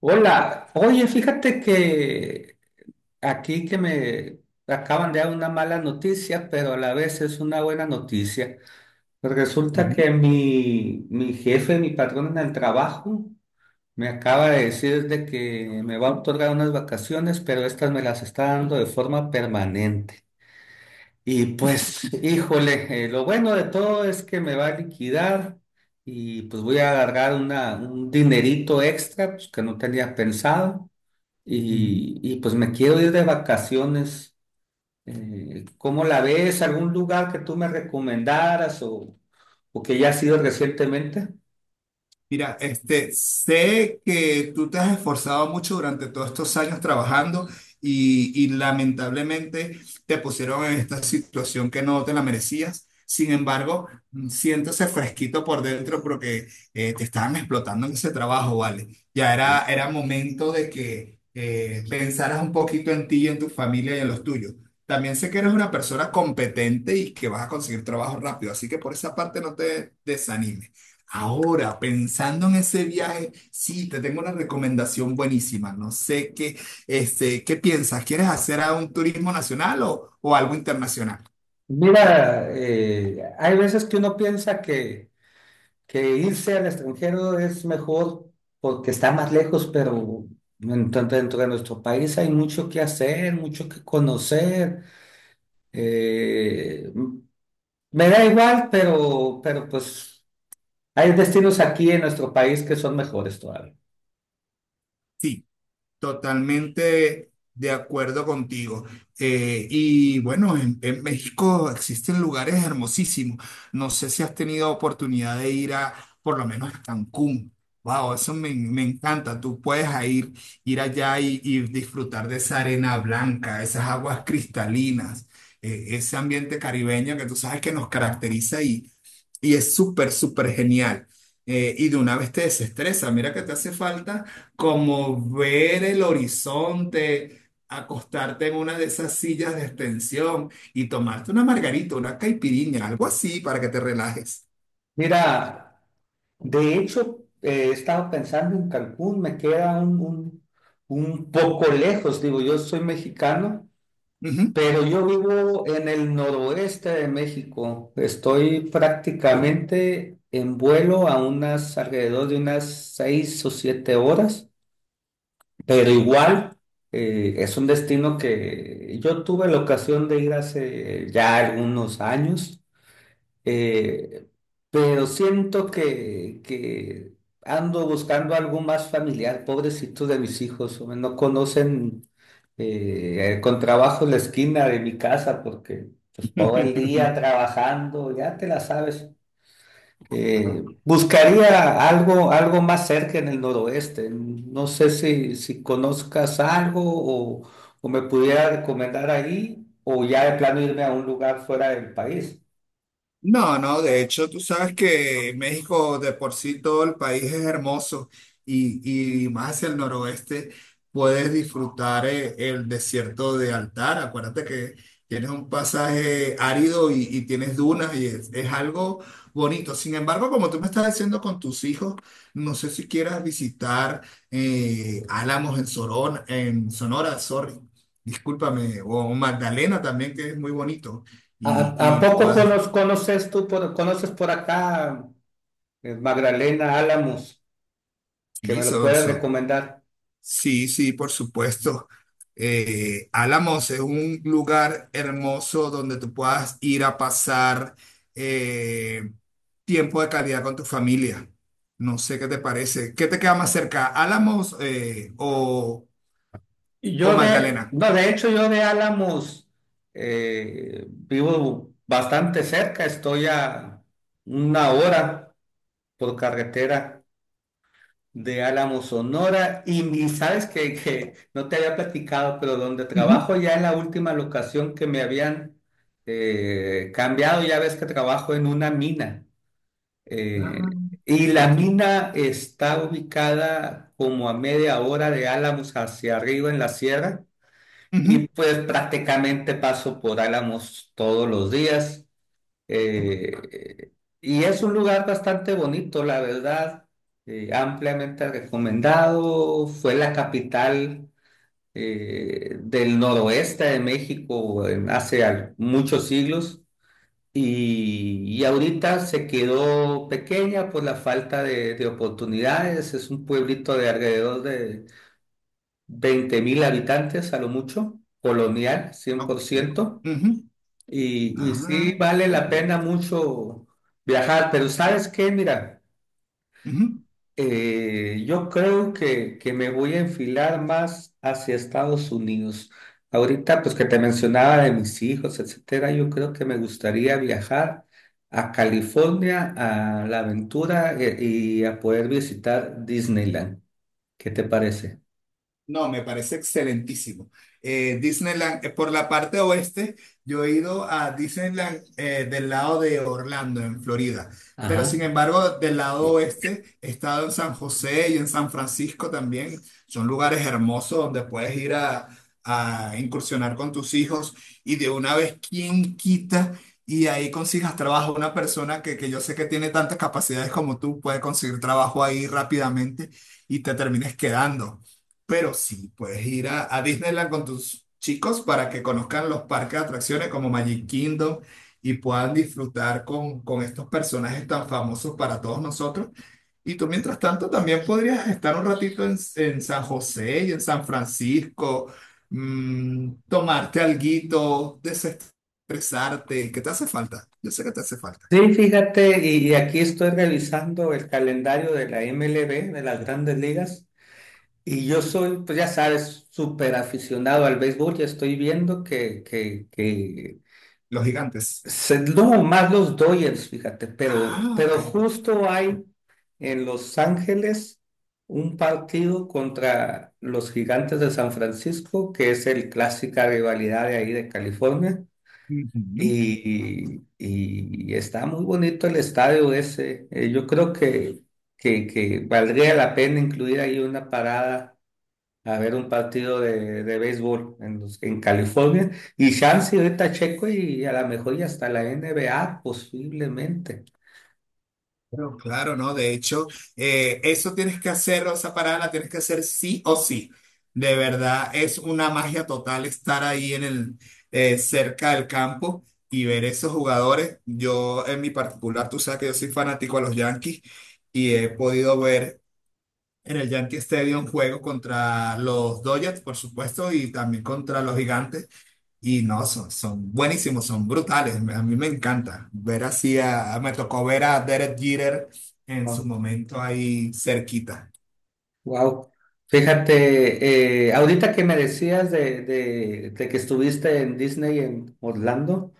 Hola, oye, fíjate que aquí que me acaban de dar una mala noticia, pero a la vez es una buena noticia. Resulta Ujú, que mi jefe, mi patrón en el trabajo, me acaba de decir de que me va a otorgar unas vacaciones, pero estas me las está dando de forma permanente. Y pues, híjole, lo bueno de todo es que me va a liquidar y pues voy a agarrar un dinerito extra pues, que no tenía pensado ujú. Pues me quiero ir de vacaciones. ¿cómo la ves? ¿Algún lugar que tú me recomendaras o que ya has ido recientemente? Mira, este, sé que tú te has esforzado mucho durante todos estos años trabajando y lamentablemente te pusieron en esta situación que no te la merecías. Sin embargo, siéntese fresquito por dentro porque te estaban explotando en ese trabajo, ¿vale? Ya era momento de que pensaras un poquito en ti y en tu familia y en los tuyos. También sé que eres una persona competente y que vas a conseguir trabajo rápido, así que por esa parte no te desanimes. Ahora, pensando en ese viaje, sí, te tengo una recomendación buenísima. No sé qué, este, ¿qué piensas? ¿Quieres hacer a un turismo nacional o algo internacional? Mira, hay veces que uno piensa que irse al extranjero es mejor porque está más lejos, pero en tanto dentro de nuestro país hay mucho que hacer, mucho que conocer. Eh, me da igual, pero pues hay destinos aquí en nuestro país que son mejores todavía. Sí. Totalmente de acuerdo contigo. Y bueno, en México existen lugares hermosísimos. No sé si has tenido oportunidad de ir a, Por lo menos a Cancún. Wow, me encanta. Tú puedes a ir, Ir allá y disfrutar de esa arena blanca, esas aguas cristalinas, ese ambiente caribeño que tú sabes que nos caracteriza y es súper genial. Y de una vez te desestresa. Mira que te hace falta como ver el horizonte, acostarte en una de esas sillas de extensión y tomarte una margarita, una caipirinha, algo así para que te relajes. Mira, de hecho, he estado pensando en Cancún, me queda un poco lejos, digo, yo soy mexicano, Ujú. pero yo vivo en el noroeste de México, estoy prácticamente en vuelo a unas alrededor de unas 6 o 7 horas, pero igual es un destino que yo tuve la ocasión de ir hace ya algunos años. Eh, pero siento que ando buscando algo más familiar, pobrecitos de mis hijos, hombre, no conocen con trabajo la esquina de mi casa porque pues, todo el día trabajando, ya te la sabes. Buscaría algo más cerca en el noroeste. No sé si conozcas algo o, o me pudiera recomendar ahí o ya de plano irme a un lugar fuera del país. No, no, de hecho, tú sabes que México de por sí todo el país es hermoso y más hacia el noroeste puedes disfrutar el desierto de Altar. Acuérdate que tienes un pasaje árido y tienes dunas y es algo bonito. Sin embargo, como tú me estás diciendo con tus hijos, no sé si quieras visitar Álamos en Sorona, en Sonora, sorry, discúlpame, o Magdalena también, que es muy bonito ¿A, y, a y poco conoces tú, conoces por acá Magdalena Álamos, que Sí, me lo son, puedes son- recomendar? Sí, sí, por supuesto. Álamos es un lugar hermoso donde tú puedas ir a pasar eh, tiempo de calidad con tu familia. No sé qué te parece. ¿Qué te queda más cerca, Álamos Y o Yo de, Magdalena? no, de hecho yo de Álamos vivo bastante cerca, estoy a una hora por carretera de Álamos, Sonora, y sabes que no te había platicado, pero donde Ujú. trabajo ya en la última locación que me habían cambiado, ya ves que trabajo en una mina. Ah, Eh, y la tuviste- mina está ubicada como a media hora de Álamos hacia arriba en la sierra ujú. y pues prácticamente paso por Álamos todos los días. Eh, y es un lugar bastante bonito, la verdad, ampliamente recomendado. Fue la capital del noroeste de México en hace muchos siglos. Y ahorita se quedó pequeña por la falta de oportunidades. Es un pueblito de alrededor de 20.000 habitantes a lo mucho, colonial, Ok. 100%. Ujú. Y sí Ah, vale la pena mucho viajar, pero ¿sabes qué? Mira. ujú. Yo creo que me voy a enfilar más hacia Estados Unidos. Ahorita, pues que te mencionaba de mis hijos, etcétera, yo creo que me gustaría viajar a California, a la aventura y a poder visitar Disneyland. ¿Qué te parece? No, me parece excelentísimo. Disneyland, por la parte oeste, yo he ido a Disneyland del lado de Orlando, en Florida. Pero Ajá. sin embargo, del lado oeste, he estado en San José y en San Francisco también. Son lugares hermosos donde puedes ir a incursionar con tus hijos y de una vez, ¿quién quita? Y ahí consigas trabajo. Una persona que yo sé que tiene tantas capacidades como tú puede conseguir trabajo ahí rápidamente y te termines quedando. Pero sí, puedes ir a Disneyland con tus chicos para que conozcan los parques de atracciones como Magic Kingdom y puedan disfrutar con estos personajes tan famosos para todos nosotros. Y tú, mientras tanto, también podrías estar un ratito en San José y en San Francisco, tomarte alguito, desestresarte. ¿Qué te hace falta? Yo sé que te hace falta. Sí, fíjate, y aquí estoy revisando el calendario de la MLB, de las grandes ligas, y yo soy, pues ya sabes, súper aficionado al béisbol, ya estoy viendo que Los gigantes. No, más los Dodgers, fíjate, Ah, ok. pero justo hay en Los Ángeles un partido contra los Gigantes de San Francisco, que es el clásica rivalidad de ahí de California, Ujú. Y está muy bonito el estadio ese. Yo creo que valdría la pena incluir ahí una parada a ver un partido de béisbol en California y chance ahorita Checo y a lo mejor y hasta la NBA posiblemente. Claro, claro, ¿no? De hecho, eso tienes que hacer, o esa parada la tienes que hacer sí o sí. De verdad, es una magia total estar ahí en el, cerca del campo y ver esos jugadores. Yo, en mi particular, tú sabes que yo soy fanático a los Yankees y he podido ver en el Yankee Stadium juego contra los Dodgers, por supuesto, y también contra los Gigantes. Y no, son buenísimos, son brutales. A mí me encanta ver me tocó ver a Derek Jeter en su momento ahí cerquita. Wow. Fíjate, ahorita que me decías de que estuviste en Disney en Orlando,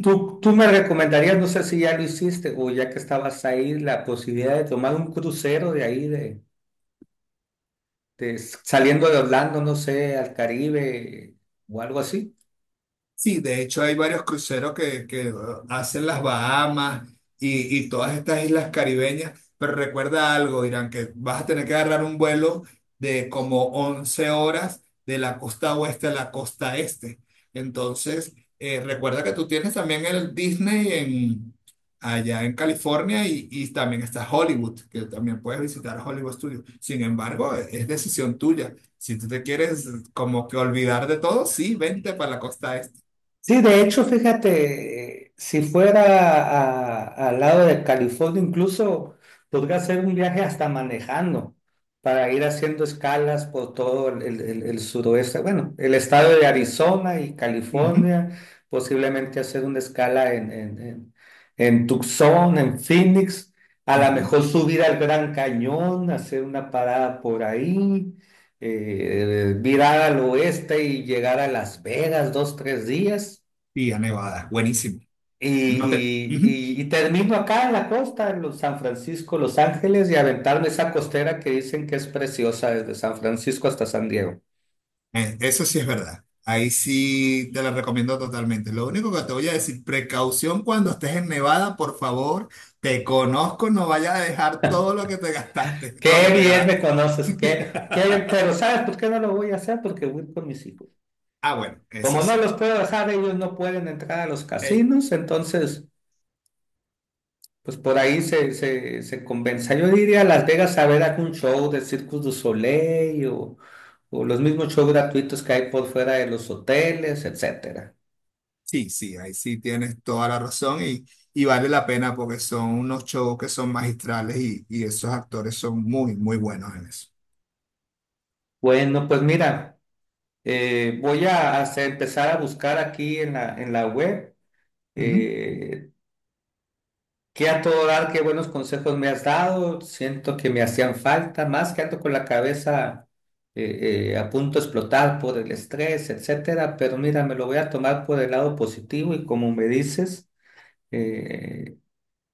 tú me recomendarías, no sé si ya lo hiciste o ya que estabas ahí, la posibilidad de tomar un crucero de ahí, de, saliendo de Orlando, no sé, al Caribe o algo así? Sí, de hecho hay varios cruceros que hacen las Bahamas y todas estas islas caribeñas, pero recuerda algo, Irán, que vas a tener que agarrar un vuelo de como 11 horas de la costa oeste a la costa este. Entonces, recuerda que tú tienes también el Disney allá en California y también está Hollywood, que también puedes visitar Hollywood Studios. Sin embargo, es decisión tuya. Si tú te quieres como que olvidar de todo, sí, vente para la costa. Sí, de hecho, fíjate, si fuera al lado de California, incluso podría hacer un viaje hasta manejando para ir haciendo escalas por todo el suroeste, bueno, el estado de Arizona y Ujú, California, posiblemente hacer una escala en Tucson, en Phoenix, a lo ujú. mejor subir al Gran Cañón, hacer una parada por ahí, virar al oeste y llegar a Las Vegas 2, 3 días. Y a Nevada, buenísimo. No te, ujú. Y termino acá en la costa, en los San Francisco, Los Ángeles, y aventarme esa costera que dicen que es preciosa desde San Francisco hasta San Diego. Eso sí es verdad. Ahí sí te la recomiendo totalmente. Lo único que te voy a decir, precaución cuando estés en Nevada, por favor, te conozco, no vayas a dejar todo lo que te gastaste, Qué lo que te bien me ganaste. conoces, qué bien, pero ¿sabes por qué no lo voy a hacer? Porque voy con mis hijos. Ah, bueno, eso Como no sí. los puedo dejar, ellos no pueden entrar a los Eh, casinos, entonces, pues por ahí se compensa. Yo iría a Las Vegas a ver algún show de Circus du Soleil o los mismos shows gratuitos que hay por fuera de los hoteles, etcétera. sí, sí, ahí sí tienes toda la razón y vale la pena porque son unos shows que son magistrales y esos actores son muy buenos en eso. Bueno, pues mira, voy a empezar a buscar aquí en en la web eh, qué a todo dar, qué buenos consejos me has dado. Siento que me hacían falta, más que ando con la cabeza a punto de explotar por el estrés, etcétera. Pero mira, me lo voy a tomar por el lado positivo y como me dices, eh,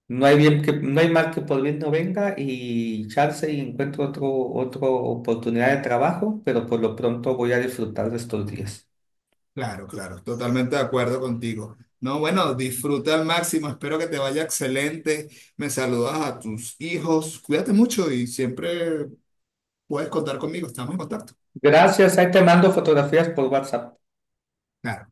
no hay mal que por bien no venga y chance y encuentro otra oportunidad de trabajo, pero por lo pronto voy a disfrutar de estos días. Claro, claro, totalmente de acuerdo contigo. No, bueno, disfruta al máximo, espero que te vaya excelente. Me saludas a tus hijos, cuídate mucho y siempre puedes contar conmigo, estamos en contacto. Gracias, ahí te mando fotografías por WhatsApp. Claro.